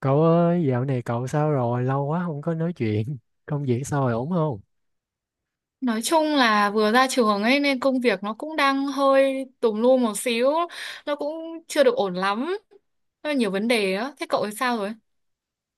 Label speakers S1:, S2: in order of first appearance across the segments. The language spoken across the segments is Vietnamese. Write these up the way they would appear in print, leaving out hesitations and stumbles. S1: Cậu ơi, dạo này cậu sao rồi? Lâu quá không có nói chuyện. Công việc sao rồi, ổn không?
S2: Nói chung là vừa ra trường ấy nên công việc nó cũng đang hơi tùm lum một xíu, nó cũng chưa được ổn lắm, nó nhiều vấn đề á. Thế cậu thì sao rồi?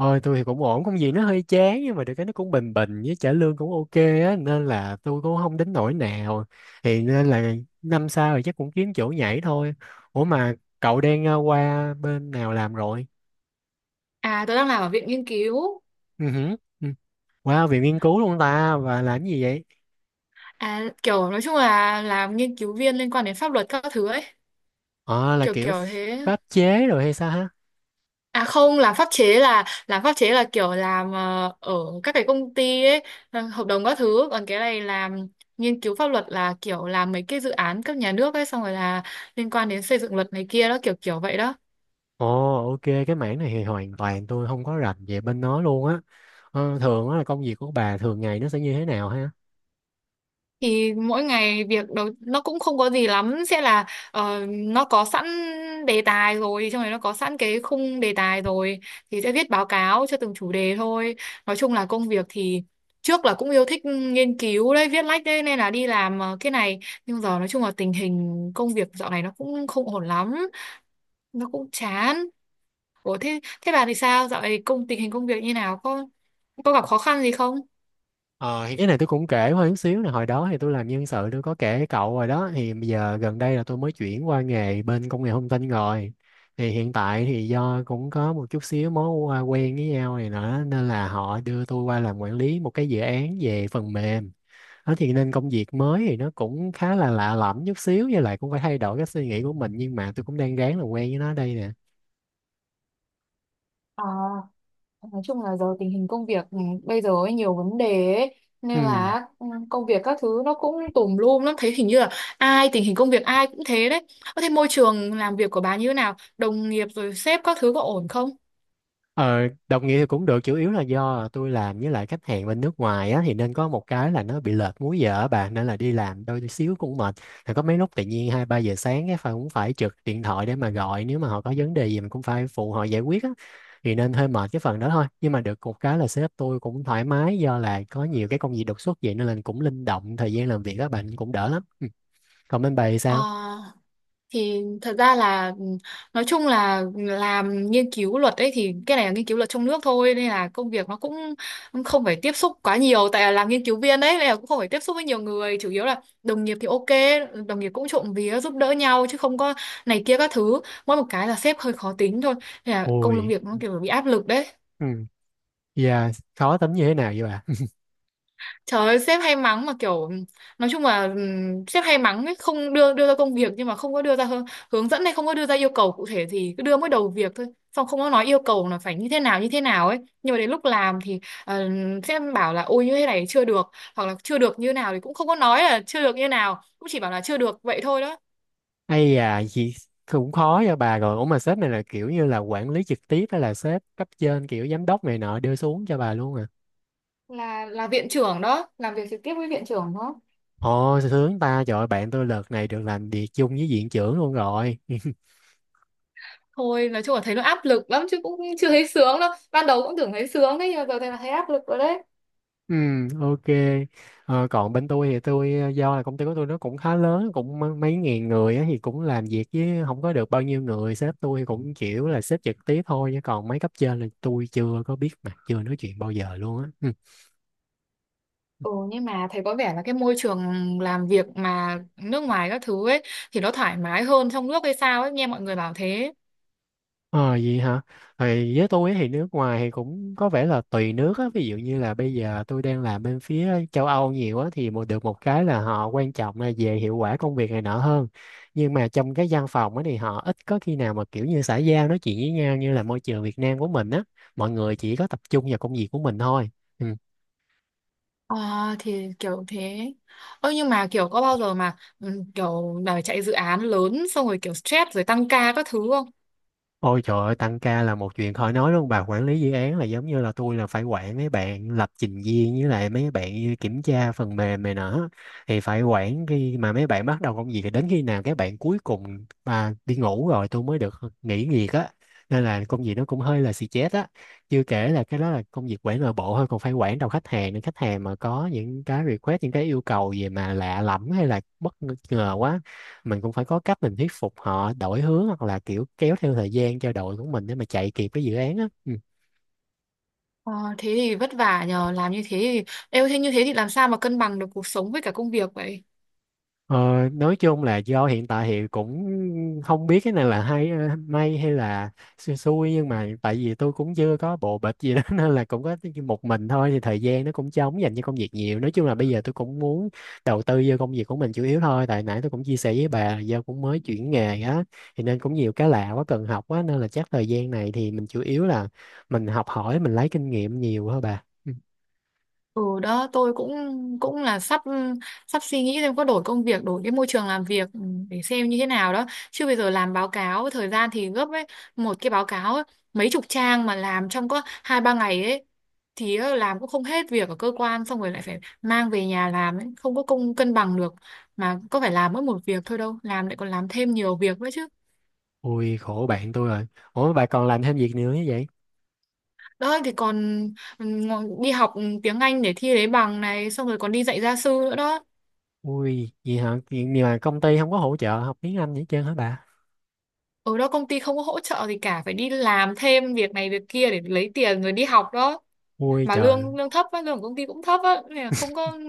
S1: Ôi, tôi thì cũng ổn, công việc nó hơi chán nhưng mà được cái nó cũng bình bình với trả lương cũng ok á, nên là tôi cũng không đến nỗi nào. Thì nên là năm sau thì chắc cũng kiếm chỗ nhảy thôi. Ủa mà cậu đang qua bên nào làm rồi?
S2: À, tôi đang làm ở viện nghiên cứu,
S1: Ừ, hử, ừ. Qua viện nghiên cứu luôn ta, và làm gì vậy?
S2: à kiểu nói chung là làm nghiên cứu viên liên quan đến pháp luật các thứ ấy,
S1: Ờ, là
S2: kiểu
S1: kiểu
S2: kiểu thế.
S1: pháp chế rồi hay sao ha?
S2: À không, làm pháp chế là kiểu làm ở các cái công ty ấy, hợp đồng các thứ, còn cái này làm nghiên cứu pháp luật là kiểu làm mấy cái dự án cấp nhà nước ấy, xong rồi là liên quan đến xây dựng luật này kia đó, kiểu kiểu vậy đó.
S1: Ồ, ok, cái mảng này thì hoàn toàn tôi không có rành về bên nó luôn á. Ờ, thường á là công việc của bà thường ngày nó sẽ như thế nào ha?
S2: Thì mỗi ngày việc đầu nó cũng không có gì lắm, sẽ là nó có sẵn đề tài rồi, trong này nó có sẵn cái khung đề tài rồi thì sẽ viết báo cáo cho từng chủ đề thôi. Nói chung là công việc thì trước là cũng yêu thích nghiên cứu đấy, viết lách đấy, nên là đi làm cái này, nhưng giờ nói chung là tình hình công việc dạo này nó cũng không ổn lắm, nó cũng chán. Ủa thế thế bà thì sao, dạo này tình hình công việc như nào, có gặp khó khăn gì không?
S1: Ờ, thì cái này tôi cũng kể hơi chút xíu là hồi đó thì tôi làm nhân sự, tôi có kể với cậu rồi đó. Thì bây giờ gần đây là tôi mới chuyển qua nghề bên công nghệ thông tin rồi. Thì hiện tại thì do cũng có một chút xíu mối quen với nhau này nữa nên là họ đưa tôi qua làm quản lý một cái dự án về phần mềm. Đó, thì nên công việc mới thì nó cũng khá là lạ lẫm chút xíu, với lại cũng phải thay đổi cái suy nghĩ của mình, nhưng mà tôi cũng đang ráng làm quen với nó đây nè.
S2: Ờ, nói chung là giờ tình hình công việc này, bây giờ ấy nhiều vấn đề ấy,
S1: Ừ.
S2: nên là ừ, công việc các thứ nó cũng tùm lum lắm, thấy hình như là ai tình hình công việc ai cũng thế đấy. Ơ thế môi trường làm việc của bà như thế nào? Đồng nghiệp rồi sếp các thứ có ổn không?
S1: Ờ, đồng nghĩa thì cũng được, chủ yếu là do tôi làm với lại khách hàng bên nước ngoài á, thì nên có một cái là nó bị lệch múi giờ á bà, nên là đi làm đôi xíu cũng mệt. Thì có mấy lúc tự nhiên hai ba giờ sáng cái phải, cũng phải trực điện thoại để mà gọi, nếu mà họ có vấn đề gì mình cũng phải phụ họ giải quyết á. Thì nên hơi mệt cái phần đó thôi, nhưng mà được một cái là sếp tôi cũng thoải mái, do là có nhiều cái công việc đột xuất vậy nên là cũng linh động thời gian làm việc, các bạn cũng đỡ lắm. Ừ. Còn bên bà thì
S2: Ờ,
S1: sao?
S2: thì thật ra là ừ, nói chung là làm nghiên cứu luật ấy, thì cái này là nghiên cứu luật trong nước thôi nên là công việc nó cũng không phải tiếp xúc quá nhiều, tại là làm nghiên cứu viên đấy nên là cũng không phải tiếp xúc với nhiều người, chủ yếu là đồng nghiệp thì ok. Đồng nghiệp cũng trộm vía giúp đỡ nhau chứ không có này kia các thứ, mỗi một cái là sếp hơi khó tính thôi, nên là công
S1: Ôi.
S2: việc nó kiểu bị áp lực đấy.
S1: Ừ. Dạ. Khó tính như thế nào vậy?
S2: Trời ơi, sếp hay mắng mà kiểu nói chung là sếp hay mắng ấy, không đưa đưa ra công việc nhưng mà không có đưa ra hướng, hướng dẫn, hay không có đưa ra yêu cầu cụ thể, thì cứ đưa mới đầu việc thôi. Xong không có nói yêu cầu là phải như thế nào ấy. Nhưng mà đến lúc làm thì ờ, sếp bảo là ôi như thế này chưa được, hoặc là chưa được như nào thì cũng không có nói là chưa được như nào, cũng chỉ bảo là chưa được vậy thôi đó.
S1: Hay à, chị cũng khó cho bà rồi. Ủa mà sếp này là kiểu như là quản lý trực tiếp hay là sếp cấp trên kiểu giám đốc này nọ đưa xuống cho bà luôn à?
S2: Là viện trưởng đó, làm việc trực tiếp với viện trưởng đó.
S1: Ồ, sướng ta, trời ơi, bạn tôi lượt này được làm việc chung với viện trưởng luôn rồi.
S2: Thôi nói chung là thấy nó áp lực lắm chứ cũng chưa thấy sướng đâu. Ban đầu cũng tưởng thấy sướng đấy, nhưng mà giờ thấy là thấy áp lực rồi đấy.
S1: Ừ, ok. Ờ, còn bên tôi thì tôi, do là công ty của tôi nó cũng khá lớn, cũng mấy ngàn người á, thì cũng làm việc với không có được bao nhiêu người. Sếp tôi thì cũng kiểu là sếp trực tiếp thôi, chứ còn mấy cấp trên là tôi chưa có biết mặt, chưa nói chuyện bao giờ luôn á. Ừ.
S2: Ừ, nhưng mà thấy có vẻ là cái môi trường làm việc mà nước ngoài các thứ ấy thì nó thoải mái hơn trong nước hay sao ấy, nghe mọi người bảo thế.
S1: Ờ vậy hả? Thì với tôi thì nước ngoài thì cũng có vẻ là tùy nước á, ví dụ như là bây giờ tôi đang làm bên phía châu Âu nhiều á, thì một được một cái là họ quan trọng là về hiệu quả công việc này nọ hơn. Nhưng mà trong cái văn phòng á thì họ ít có khi nào mà kiểu như xã giao nói chuyện với nhau như là môi trường Việt Nam của mình á, mọi người chỉ có tập trung vào công việc của mình thôi. Ừ.
S2: Ờ, thì kiểu thế. Ơ nhưng mà kiểu có bao giờ mà ừ, kiểu mà chạy dự án lớn xong rồi kiểu stress rồi tăng ca các thứ không?
S1: Ôi trời ơi, tăng ca là một chuyện khỏi nói luôn bà. Quản lý dự án là giống như là tôi là phải quản mấy bạn lập trình viên với lại mấy bạn kiểm tra phần mềm này nọ, thì phải quản khi mà mấy bạn bắt đầu công việc thì đến khi nào các bạn cuối cùng mà đi ngủ rồi tôi mới được nghỉ việc á, nên là công việc nó cũng hơi là xì chết á. Chưa kể là cái đó là công việc quản nội bộ thôi, còn phải quản đầu khách hàng nữa. Khách hàng mà có những cái request, những cái yêu cầu gì mà lạ lẫm hay là bất ngờ quá, mình cũng phải có cách mình thuyết phục họ đổi hướng hoặc là kiểu kéo theo thời gian cho đội của mình để mà chạy kịp cái dự án á. Ừ.
S2: Ờ, thế thì vất vả nhờ, làm như thế thì như thế thì làm sao mà cân bằng được cuộc sống với cả công việc vậy?
S1: Ờ, nói chung là do hiện tại thì cũng không biết cái này là hay may hay là xui xui, nhưng mà tại vì tôi cũng chưa có bộ bịch gì đó nên là cũng có một mình thôi, thì thời gian nó cũng trống dành cho công việc nhiều. Nói chung là bây giờ tôi cũng muốn đầu tư vô công việc của mình chủ yếu thôi, tại nãy tôi cũng chia sẻ với bà là do cũng mới chuyển nghề á, thì nên cũng nhiều cái lạ quá, cần học quá, nên là chắc thời gian này thì mình chủ yếu là mình học hỏi, mình lấy kinh nghiệm nhiều thôi bà. Ừ.
S2: Ừ đó, tôi cũng cũng là sắp sắp suy nghĩ xem có đổi công việc, đổi cái môi trường làm việc, để xem như thế nào đó, chứ bây giờ làm báo cáo thời gian thì gấp ấy, một cái báo cáo ấy, mấy chục trang mà làm trong có hai ba ngày ấy, thì làm cũng không hết việc ở cơ quan, xong rồi lại phải mang về nhà làm ấy, không có cân bằng được. Mà có phải làm mỗi một việc thôi đâu, làm lại còn làm thêm nhiều việc nữa chứ.
S1: Ui, khổ bạn tôi rồi. Ủa, bà còn làm thêm việc nữa như vậy?
S2: Đó thì còn ừ, đi học tiếng Anh để thi lấy bằng này, xong rồi còn đi dạy gia sư nữa đó.
S1: Ui, vậy hả? Vậy nhưng mà công ty không có hỗ trợ học tiếng Anh gì hết trơn hả bà?
S2: Ở đó công ty không có hỗ trợ gì cả, phải đi làm thêm việc này việc kia để lấy tiền rồi đi học đó.
S1: Ui
S2: Mà
S1: trời.
S2: lương lương thấp á, lương của công ty cũng thấp á, nên là không có,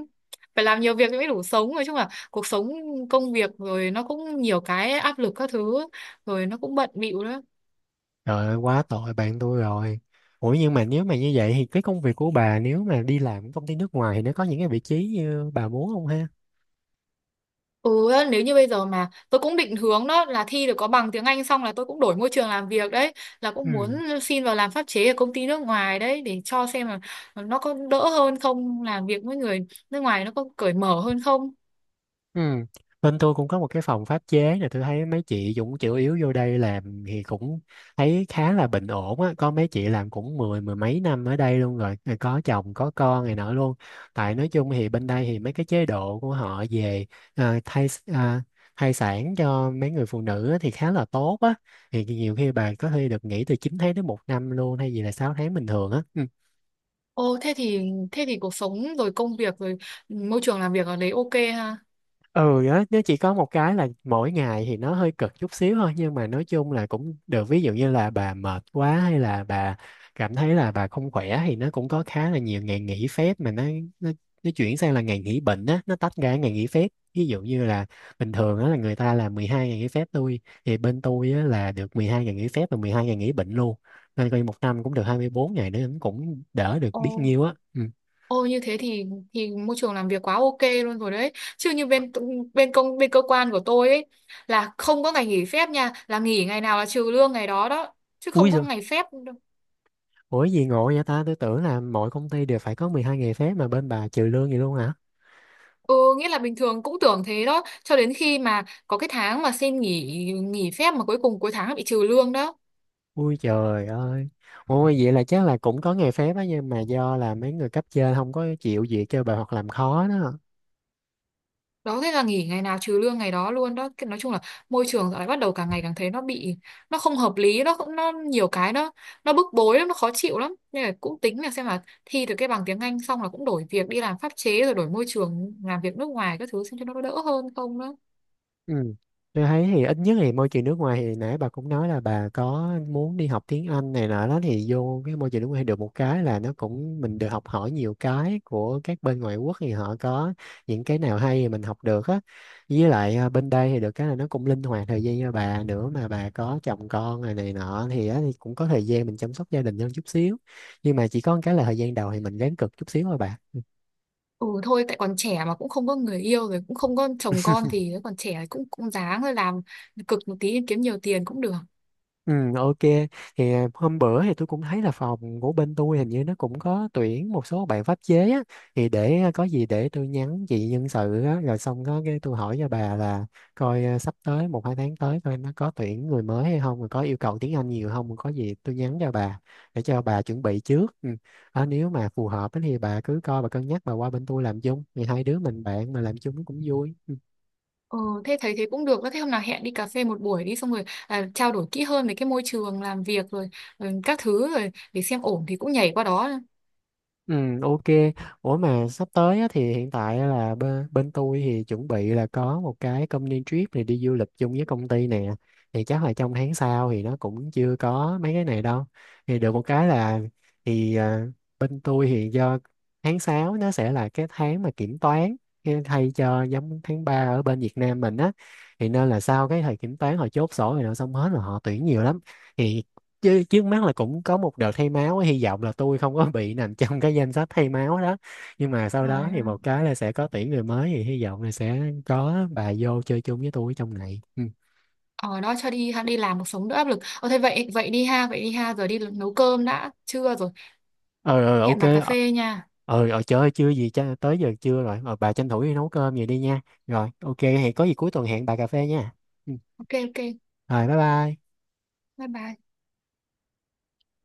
S2: phải làm nhiều việc mới đủ sống. Nói chung là cuộc sống công việc rồi nó cũng nhiều cái áp lực các thứ, rồi nó cũng bận bịu đó.
S1: Trời ơi, quá tội bạn tôi rồi. Ủa nhưng mà nếu mà như vậy thì cái công việc của bà, nếu mà đi làm ở công ty nước ngoài thì nó có những cái vị trí như bà muốn không ha?
S2: Ừ nếu như bây giờ mà tôi cũng định hướng đó là thi được có bằng tiếng Anh xong là tôi cũng đổi môi trường làm việc đấy, là
S1: Ừ.
S2: cũng muốn xin vào làm pháp chế ở công ty nước ngoài đấy, để cho xem là nó có đỡ hơn không, làm việc với người nước ngoài nó có cởi mở hơn không.
S1: Ừ. Bên tôi cũng có một cái phòng pháp chế nè, tôi thấy mấy chị cũng chủ yếu vô đây làm thì cũng thấy khá là bình ổn á, có mấy chị làm cũng mười mười mấy năm ở đây luôn rồi, rồi có chồng có con này nọ luôn. Tại nói chung thì bên đây thì mấy cái chế độ của họ về à, thai à, thai sản cho mấy người phụ nữ á thì khá là tốt á. Thì nhiều khi bà có thể được nghỉ từ 9 tháng đến một năm luôn, hay gì là 6 tháng bình thường á. Ừ.
S2: Ồ, thế thì cuộc sống rồi công việc rồi môi trường làm việc ở đấy ok ha.
S1: Ừ á, nó chỉ có một cái là mỗi ngày thì nó hơi cực chút xíu thôi, nhưng mà nói chung là cũng được. Ví dụ như là bà mệt quá hay là bà cảm thấy là bà không khỏe thì nó cũng có khá là nhiều ngày nghỉ phép, mà nó, nó chuyển sang là ngày nghỉ bệnh á, nó tách ra ngày nghỉ phép. Ví dụ như là bình thường á là người ta là 12 ngày nghỉ phép tôi, thì bên tôi á là được 12 ngày nghỉ phép và 12 ngày nghỉ bệnh luôn, nên coi như một năm cũng được 24 ngày nữa, cũng đỡ được biết
S2: Ồ,
S1: nhiêu á. Ừ.
S2: ồ như thế thì môi trường làm việc quá ok luôn rồi đấy. Chứ như bên bên công bên cơ quan của tôi ấy là không có ngày nghỉ phép nha, là nghỉ ngày nào là trừ lương ngày đó đó, chứ
S1: Ui
S2: không có
S1: giời.
S2: ngày phép đâu.
S1: Ủa gì ngộ vậy ta? Tôi tưởng là mọi công ty đều phải có 12 ngày phép, mà bên bà trừ lương gì luôn hả?
S2: Ừ, nghĩa là bình thường cũng tưởng thế đó, cho đến khi mà có cái tháng mà xin nghỉ nghỉ phép mà cuối cùng cuối tháng lại bị trừ lương đó.
S1: Ui trời ơi. Ôi vậy là chắc là cũng có ngày phép á, nhưng mà do là mấy người cấp trên không có chịu việc cho bà hoặc làm khó đó.
S2: Đó thế là nghỉ ngày nào trừ lương ngày đó luôn đó. Cái, nói chung là môi trường dạo này bắt đầu càng ngày càng thấy nó bị, nó không hợp lý, nó cũng, nó nhiều cái nó bức bối lắm, nó khó chịu lắm, nên là cũng tính là xem là thi được cái bằng tiếng Anh xong là cũng đổi việc đi làm pháp chế, rồi đổi môi trường làm việc nước ngoài các thứ xem cho nó đỡ hơn không đó.
S1: Ừ. Tôi thấy thì ít nhất thì môi trường nước ngoài thì nãy bà cũng nói là bà có muốn đi học tiếng Anh này nọ đó, thì vô cái môi trường nước ngoài được một cái là nó cũng, mình được học hỏi nhiều cái của các bên ngoại quốc, thì họ có những cái nào hay thì mình học được á. Với lại à, bên đây thì được cái là nó cũng linh hoạt thời gian cho bà nữa, mà bà có chồng con này này nọ thì, á, thì cũng có thời gian mình chăm sóc gia đình hơn chút xíu. Nhưng mà chỉ có một cái là thời gian đầu thì mình ráng cực chút xíu thôi bà.
S2: Ừ thôi, tại còn trẻ mà cũng không có người yêu rồi cũng không có chồng con, thì còn trẻ cũng cũng ráng rồi làm cực một tí kiếm nhiều tiền cũng được.
S1: Ừ, ok. Thì à, hôm bữa thì tôi cũng thấy là phòng của bên tôi hình như nó cũng có tuyển một số bạn pháp chế á, thì để à, có gì để tôi nhắn chị nhân sự á, rồi xong có cái tôi hỏi cho bà là coi à, sắp tới một hai tháng tới coi nó có tuyển người mới hay không, rồi có yêu cầu tiếng Anh nhiều không, rồi có gì tôi nhắn cho bà để cho bà chuẩn bị trước. Ừ. Ờ, nếu mà phù hợp á thì bà cứ coi, bà cân nhắc bà qua bên tôi làm chung, thì hai đứa mình bạn mà làm chung cũng vui.
S2: Ừ, thế thấy thế cũng được đó. Thế hôm nào hẹn đi cà phê một buổi đi, xong rồi à, trao đổi kỹ hơn về cái môi trường làm việc rồi, rồi các thứ rồi để xem ổn thì cũng nhảy qua đó.
S1: Ừ, ok. Ủa mà sắp tới á, thì hiện tại á là bên tôi thì chuẩn bị là có một cái company trip này, đi du lịch chung với công ty nè. Thì chắc là trong tháng sau thì nó cũng chưa có mấy cái này đâu. Thì được một cái là thì à, bên tôi thì do tháng 6 nó sẽ là cái tháng mà kiểm toán, cái thay cho giống tháng 3 ở bên Việt Nam mình á. Thì nên là sau cái thời kiểm toán họ chốt sổ rồi, nó xong hết rồi, họ tuyển nhiều lắm. Thì chứ trước mắt là cũng có một đợt thay máu, hy vọng là tôi không có bị nằm trong cái danh sách thay máu đó, nhưng mà sau đó
S2: Rồi,
S1: thì một cái là sẽ có tuyển người mới, thì hy vọng là sẽ có bà vô chơi chung với tôi trong này. Ừ.
S2: ờ đó cho đi đi làm cuộc sống đỡ áp lực. Ờ thế vậy vậy đi ha, giờ đi nấu cơm đã, trưa rồi.
S1: Ờ, ờ, ờ, ok,
S2: Hẹn bà cà
S1: ờ.
S2: phê nha.
S1: Ờ, ờ, trời ơi, chưa gì cha tới giờ chưa rồi. Ờ, bà tranh thủ đi nấu cơm vậy đi nha. Rồi, ok, hẹn có gì cuối tuần hẹn bà cà phê nha. Ừ.
S2: Ok ok.
S1: Rồi, bye bye.
S2: Bye bye.